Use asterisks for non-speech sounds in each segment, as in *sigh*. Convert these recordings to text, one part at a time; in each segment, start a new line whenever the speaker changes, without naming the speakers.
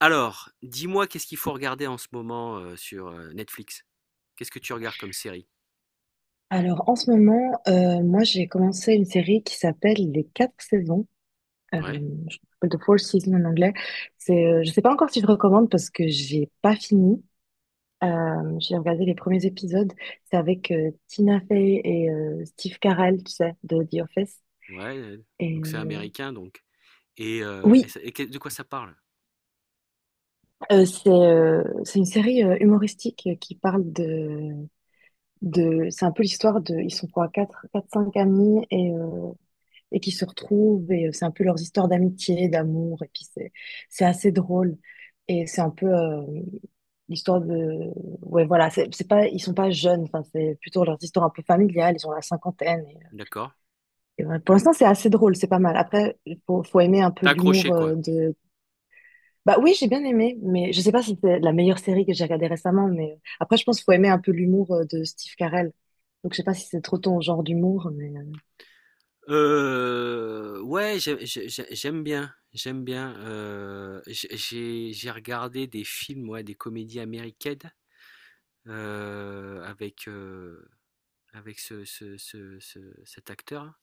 Alors, dis-moi, qu'est-ce qu'il faut regarder en ce moment, sur, Netflix? Qu'est-ce que tu regardes comme série?
Alors, en ce moment, moi, j'ai commencé une série qui s'appelle Les Quatre Saisons.
Ouais,
Je m'appelle The Four Seasons en anglais. Je sais pas encore si je recommande parce que j'ai pas fini. J'ai regardé les premiers épisodes. C'est avec Tina Fey et Steve Carell, tu sais, de The Office.
ouais,
Et
donc c'est
euh,
américain, donc et
oui,
ça et que de quoi ça parle?
c'est une série humoristique qui parle de. C'est un peu l'histoire de. Ils sont quoi, quatre, quatre, cinq amis et qui se retrouvent et c'est un peu leurs histoires d'amitié, d'amour et puis c'est assez drôle et c'est un peu l'histoire de ouais, voilà, c'est pas ils sont pas jeunes, enfin c'est plutôt leurs histoires un peu familiales. Ils ont la cinquantaine et, euh,
D'accord.
et voilà. Pour l'instant, c'est assez drôle, c'est pas mal. Après faut aimer un peu
Tu
l'humour
accroché quoi?
de bah oui, j'ai bien aimé, mais je sais pas si c'est la meilleure série que j'ai regardée récemment, mais après je pense qu'il faut aimer un peu l'humour de Steve Carell. Donc je sais pas si c'est trop ton genre d'humour, mais
Ouais, j'ai j'aime bien, j'ai regardé des films, ouais, des comédies américaines, avec, avec ce ce ce ce cet acteur.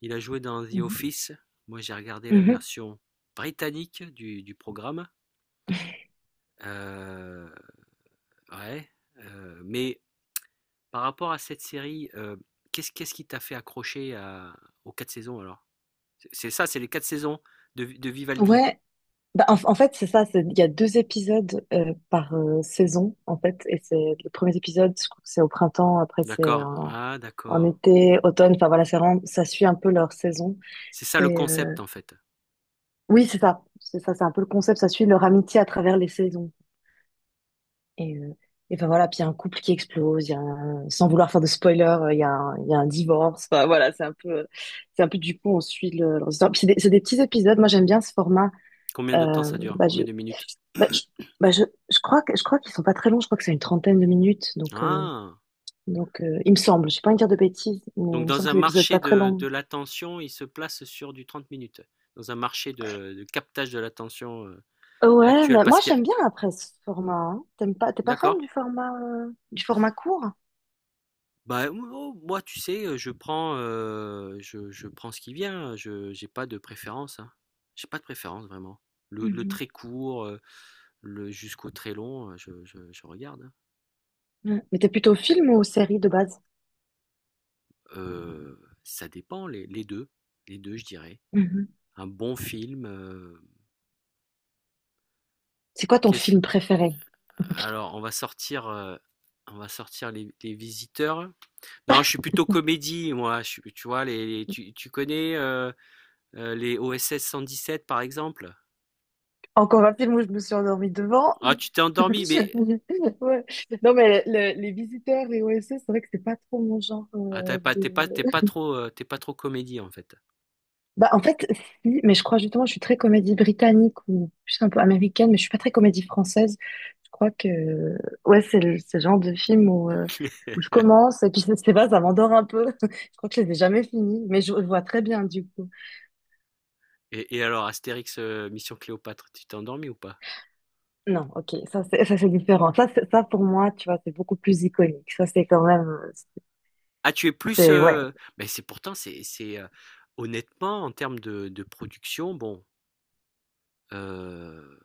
Il a joué dans The
mhm.
Office. Moi, j'ai regardé la
Mhm.
version britannique du programme. Euh, ouais. Mais par rapport à cette série, qu'est-ce qui t'a fait aux quatre saisons alors? C'est ça, c'est les quatre saisons de Vivaldi.
Ouais. Bah, en fait, c'est ça, il y a deux épisodes par saison, en fait. Et c'est le premier épisode, je crois que c'est au printemps, après c'est
D'accord.
en,
Ah, d'accord.
été, automne, enfin voilà, ça suit un peu leur saison.
C'est ça le
Et euh,
concept en fait.
oui, c'est ça, c'est ça, c'est un peu le concept, ça suit leur amitié à travers les saisons. Et, euh, et enfin voilà, puis il y a un couple qui explose, il y a un- sans vouloir faire de spoiler, il y a un divorce, enfin voilà, c'est un peu, du coup, on suit leur histoire. Puis c'est des petits épisodes, moi j'aime bien ce format.
Combien de temps
Euh,
ça dure?
bah,
Combien de minutes?
Bah, je, bah, je, je crois je crois qu'ils sont pas très longs, je crois que c'est une trentaine de minutes, donc,
Ah.
il me semble, je sais pas envie de dire de bêtises, mais
Donc
il me semble
dans
que
un
c'est des épisodes
marché
pas très longs.
de l'attention, il se place sur du 30 minutes. Dans un marché de captage de l'attention
Ouais,
actuel.
mais
Parce
moi
qu'il y a-
j'aime bien après ce format, hein. T'aimes pas, t'es pas fan
D'accord.
du format court?
Moi, tu sais, je je prends ce qui vient, hein, je j'ai pas de préférence, hein. J'ai pas de préférence vraiment. Le
Mhm.
très court, le jusqu'au très long, je regarde, hein.
Ouais. Mais t'es plutôt film ou série de base?
Ça dépend, les 2, les 2, je dirais.
Mhm.
Un bon film,
C'est quoi ton
qu'est-ce
film préféré?
alors on va sortir Les Visiteurs. Non, je suis plutôt comédie, moi, je suis, tu vois les, tu tu connais, les dix sept par exemple?
Encore un film où je me suis endormie devant.
Ah,
*laughs*
tu t'es endormi, mais
Ouais. Non, mais les Visiteurs, les OSS, c'est vrai que c'est pas trop mon genre
ah, t'es pas, t'es pas trop comédie en fait.
bah, en fait, si, mais je crois justement, je suis très comédie britannique ou plus un peu américaine, mais je suis pas très comédie française. Je crois que, ouais, c'est ce genre de film où, euh,
*laughs*
où je commence et puis je sais pas, ça m'endort un peu. *laughs* Je crois que je les ai jamais finis, mais je vois très bien du coup.
Et alors, Astérix, Mission Cléopâtre, tu t'es endormi ou pas?
Non, ok, ça c'est différent. Ça pour moi, tu vois, c'est beaucoup plus iconique. Ça c'est quand même,
Ah, tu es plus,
ouais.
ben c'est pourtant, c'est honnêtement en termes de production, bon, euh,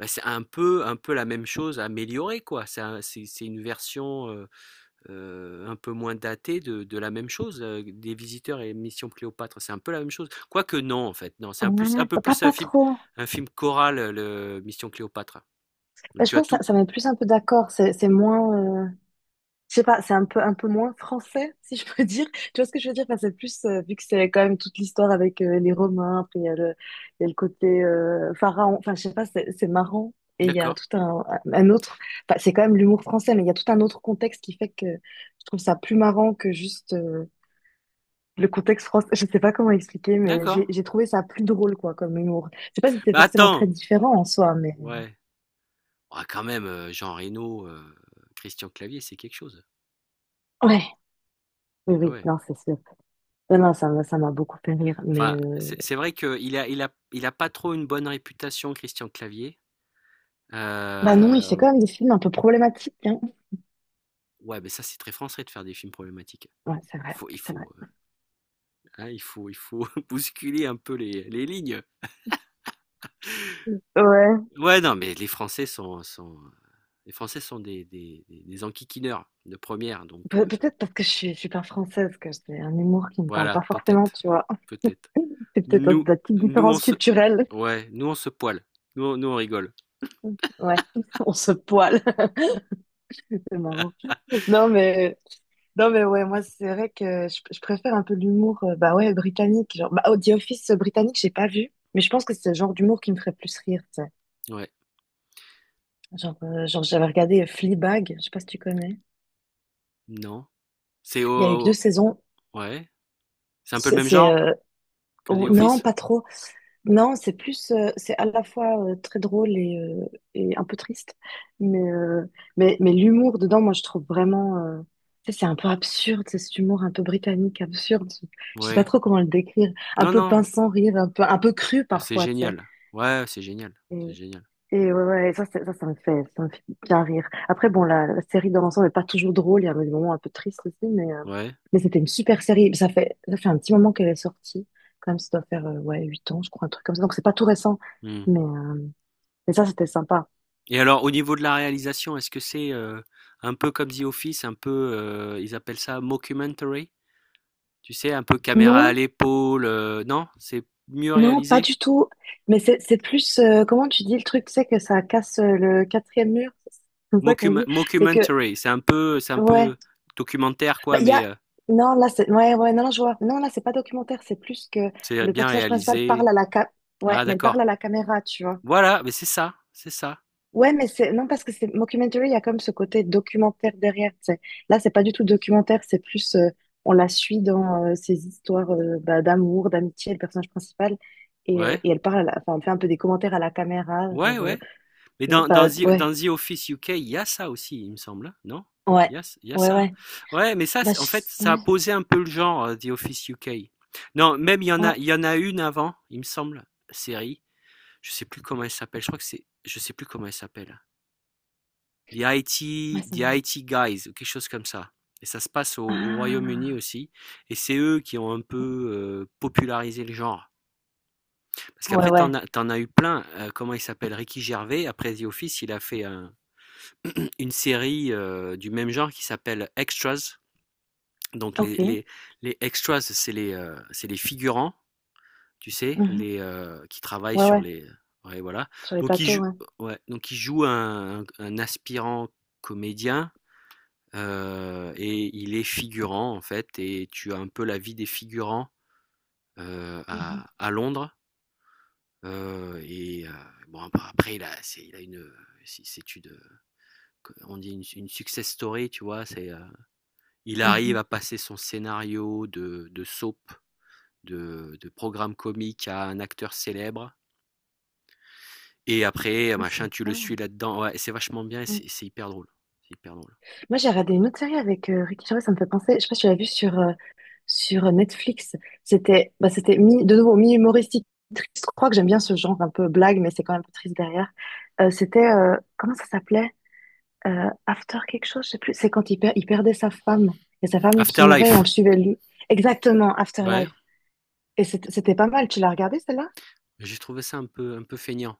ben, c'est un peu la même chose améliorée quoi. C'est une version. Un peu moins daté de la même chose, des visiteurs et Mission Cléopâtre, c'est un peu la même chose. Quoique non, en fait, non, un
Ouais,
peu plus
pas trop.
un film choral, le Mission Cléopâtre.
Bah,
Donc,
je
tu as
pense que ça,
tout.
ça met plus un peu d'accord. C'est moins. Je sais pas, c'est un peu moins français, si je peux *laughs* dire. Tu vois ce que je veux dire? Enfin, c'est plus, vu que c'est quand même toute l'histoire avec les Romains, après il y a le côté pharaon, enfin, je sais pas, c'est marrant. Et il y a
D'accord,
tout un autre, enfin, c'est quand même l'humour français, mais il y a tout un autre contexte qui fait que je trouve ça plus marrant que juste le contexte français. Je sais pas comment expliquer, mais
d'accord.
j'ai trouvé ça plus drôle, quoi, comme humour. Je sais pas si c'est
Bah
forcément très
attends,
différent en soi, mais
ouais. Ah, quand même, Jean Reno, Christian Clavier, c'est quelque chose.
ouais. Oui,
Ah,
oui,
ouais.
non, c'est sûr. Non, non, ça m'a beaucoup fait rire, mais.
Enfin, c'est vrai qu'il a, il a pas trop une bonne réputation, Christian Clavier.
Bah non, il fait
Euh,
quand même des films un peu problématiques, hein.
ouais, mais ça, c'est très français de faire des films problématiques.
Ouais, c'est
Il
vrai,
faut,
c'est vrai.
hein, il faut *laughs* bousculer un peu les lignes.
Ouais,
Ouais, non, mais les Français sont, sont, les Français sont des, des enquiquineurs de première, donc
Peut-être parce que je suis super française, que j'ai un humour qui me parle
voilà,
pas forcément,
peut-être,
tu vois. *laughs*
peut-être.
C'est peut-être de
Nous,
la petite
nous on
différence
se,
culturelle.
ouais, nous on se poile, nous on rigole.
Ouais, *laughs* on se poile. *laughs* C'est marrant. Non, mais, non, mais ouais, moi, c'est vrai que je préfère un peu l'humour, bah ouais, britannique. Genre, bah, oh, The Office britannique, j'ai pas vu, mais je pense que c'est le genre d'humour qui me ferait plus rire, tu sais.
Ouais,
Genre, j'avais regardé Fleabag, je sais pas si tu connais.
non, c'est
Il y a eu que
au,
deux
au-
saisons.
ouais, c'est un peu le
C'est,
même
c'est,
genre
euh,
que The
oh, non,
Office.
pas trop. Non, c'est plus, c'est à la fois très drôle et un peu triste, mais, mais l'humour dedans, moi, je trouve vraiment, tu sais, c'est un peu absurde, c'est cet humour un peu britannique, absurde, je sais pas
Ouais,
trop comment le décrire, un
non,
peu
non,
pince sans rire, un peu cru
c'est
parfois, tu sais.
génial. Ouais, c'est génial, c'est génial.
Et ouais, ouais, ça me fait bien rire. Après, bon, la série dans l'ensemble n'est pas toujours drôle. Il y a des moments un peu tristes aussi, mais, euh,
Ouais.
mais c'était une super série. Ça fait un petit moment qu'elle est sortie. Quand même, ça doit faire, ouais, 8 ans, je crois, un truc comme ça. Donc, c'est pas tout récent.
Hmm.
Mais, euh, mais ça, c'était sympa.
Et alors, au niveau de la réalisation, est-ce que c'est un peu comme The Office, un peu, ils appellent ça mockumentary? Tu sais, un peu caméra à
Non,
l'épaule, non? C'est mieux
non, pas
réalisé?
du tout. Mais c'est plus, comment tu dis le truc, c'est que ça casse le quatrième mur. C'est comme ça qu'on dit. C'est que,
Mockumentary, c'est un
ouais.
peu documentaire,
Bah,
quoi,
il y
mais
a... Non, là, c'est... Ouais, ouais, non, non, je vois. Non, là, c'est pas documentaire, c'est plus que
c'est
le
bien
personnage principal
réalisé.
parle à la ca... Ouais,
Ah,
mais parle
d'accord.
à la caméra, tu vois.
Voilà, mais c'est ça, c'est ça.
Ouais, mais c'est... Non, parce que c'est mockumentary, il y a comme ce côté documentaire derrière, tu sais. Là, c'est pas du tout documentaire, c'est plus... on la suit dans ses histoires bah, d'amour, d'amitié, le personnage principal. Et, euh,
Ouais,
et elle parle, enfin, elle fait un peu des commentaires à la caméra,
ouais,
genre...
ouais. Mais
ouais,
Dans The Office UK, il y a ça aussi, il me semble, hein, non?
ouais,
Il y a
ouais,
ça, hein.
ouais.
Ouais, mais ça, en fait, ça a
Ouais,
posé un peu le genre, The Office UK. Non, même
ouais,
il y en a une avant, il me semble, série. Je sais plus comment elle s'appelle. Je crois que c'est, je sais plus comment elle s'appelle. The
ouais,
IT,
ça
The
me...
IT Guys, ou quelque chose comme ça. Et ça se passe au, au Royaume-Uni
Ah,
aussi. Et c'est eux qui ont un peu popularisé le genre. Parce
ouais,
qu'après,
ouais,
t'en as eu plein. Comment il s'appelle? Ricky Gervais. Après The Office, il a fait un, une série du même genre qui s'appelle Extras. Donc
ok.
les extras, c'est les figurants, tu sais,
Mhm.
les, qui travaillent
Ouais,
sur
ouais,
les... Ouais, voilà.
sur les
Donc ils,
plateaux,
jou-
ouais.
ouais, donc ils jouent un aspirant comédien et il est figurant en fait. Et tu as un peu la vie des figurants
Mhm,
à Londres. Euh, et euh, bon, après, il a une... si c'est une, une success story, tu vois. C'est, il
mhm.
arrive à passer son scénario de soap, de programme comique à un acteur célèbre. Et après,
Ah,
machin, tu
sympa.
le suis là-dedans. Ouais, c'est vachement bien,
Mm.
c'est hyper drôle. C'est hyper drôle.
Moi, j'ai regardé une autre série avec Ricky Gervais, ça me fait penser. Je sais pas si tu l'as vue sur Netflix. C'était mi, de nouveau, mi-humoristique, triste. Je crois que j'aime bien ce genre un peu blague, mais c'est quand même un peu triste derrière. C'était, comment ça s'appelait? After quelque chose, je sais plus. C'est quand il perdait sa femme. Et sa femme qui mourait et on
Afterlife,
le suivait, lui. Exactement,
ouais.
Afterlife. Et c'était pas mal. Tu l'as regardé, celle-là?
J'ai trouvé ça un peu feignant.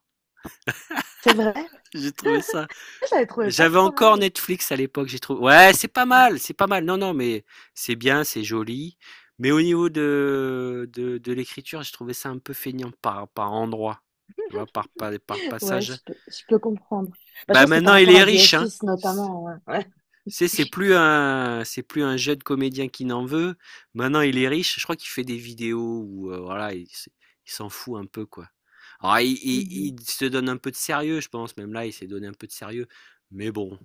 C'est vrai?
J'ai trouvé ça.
Je l'avais trouvé pas
J'avais
trop
encore
mal.
Netflix à l'époque. J'ai trouvé. Ouais, c'est pas
Ouais.
mal, c'est pas mal. Non, non, mais c'est bien, c'est joli. Mais au niveau de l'écriture, j'ai trouvé ça un peu feignant par, par endroit. Tu vois, par, par
Ouais,
passage.
je peux comprendre. Bah, je
Bah
pense que par
maintenant, il
rapport
est
à The
riche, hein.
Office, notamment, ouais. Ouais.
C'est plus un jeune comédien qui n'en veut. Maintenant, il est riche. Je crois qu'il fait des vidéos où voilà, il s'en fout un peu quoi. Alors,
Mhm.
il se donne un peu de sérieux, je pense. Même là, il s'est donné un peu de sérieux. Mais bon,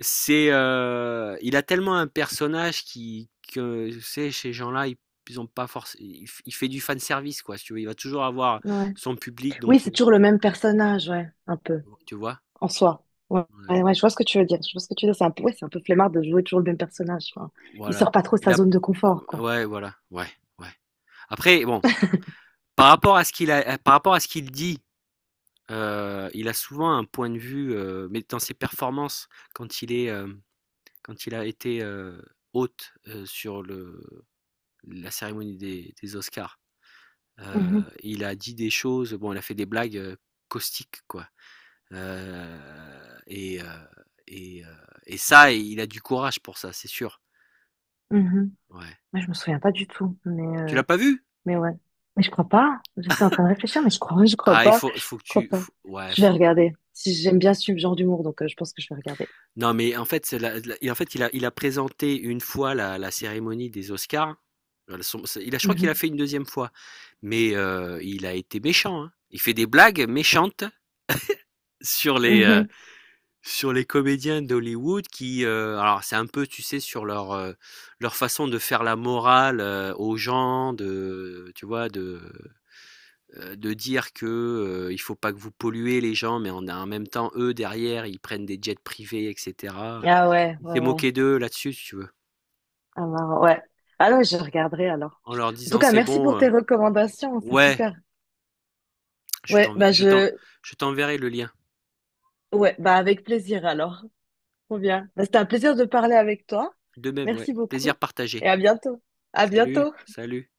c'est il a tellement un personnage qui que tu sais, ces gens-là, ils ont pas force. Il fait du fan service quoi. Si tu veux, il va toujours avoir
Ouais.
son public,
Oui,
donc
c'est toujours le même personnage, ouais, un peu,
tu vois.
en soi. Ouais, ouais,
Ouais.
ouais, je vois ce que tu veux dire. Je vois ce que tu veux dire. C'est un peu, ouais, c'est un peu flemmard de jouer toujours le même personnage. Enfin, il sort
Voilà.
pas trop de
Il
sa
a
zone de confort, quoi.
ouais, voilà. Ouais, ouais. Après bon, par rapport à ce qu'il dit, il a souvent un point de vue mais dans ses performances quand il est euh, quand il a été hôte sur le la cérémonie des Oscars.
Mhm.
Il a dit des choses, bon, il a fait des blagues caustiques, quoi. Euh, et, euh, et, euh, et ça, il a du courage pour ça, c'est sûr.
Mhm.
Ouais.
Ouais, je me souviens pas du tout, mais,
Tu
euh,
l'as pas vu?
mais ouais. Mais je crois pas. Je suis en train de réfléchir, mais je crois, *laughs* je crois
Ah, il
pas.
faut,
Je crois pas.
ouais,
Je vais
faut,
regarder. Si j'aime bien ce genre d'humour, donc je pense que je vais regarder.
non, mais en fait, c'est la la et en fait, il a présenté une fois la cérémonie des Oscars. Son c'est il a, je crois qu'il a
Mhm.
fait une deuxième fois, mais il a été méchant, hein. Il fait des blagues méchantes sur les, heu,
Mhm.
sur les comédiens d'Hollywood qui, alors c'est un peu, tu sais, sur leur, leur façon de faire la morale, aux gens, de tu vois, de dire que, il faut pas que vous polluez les gens, mais en même temps, eux, derrière, ils prennent des jets privés et cetera.
Ah ouais,
Il
ouais,
s'est
ouais.
moqué d'eux là-dessus, si tu veux,
Ah, marrant, ouais. Ah ouais, je regarderai alors.
en leur
En tout
disant:
cas,
«C'est
merci
bon,
pour tes recommandations, c'est
ouais,
super.
je
Ouais,
t'en,
bah
je t'en
je
je t'enverrai le lien».
ouais, bah avec plaisir alors. Trop bien. Bah, c'était un plaisir de parler avec toi.
De même, ouais,
Merci beaucoup
plaisir
et
partagé.
à bientôt. À
Salut,
bientôt.
salut.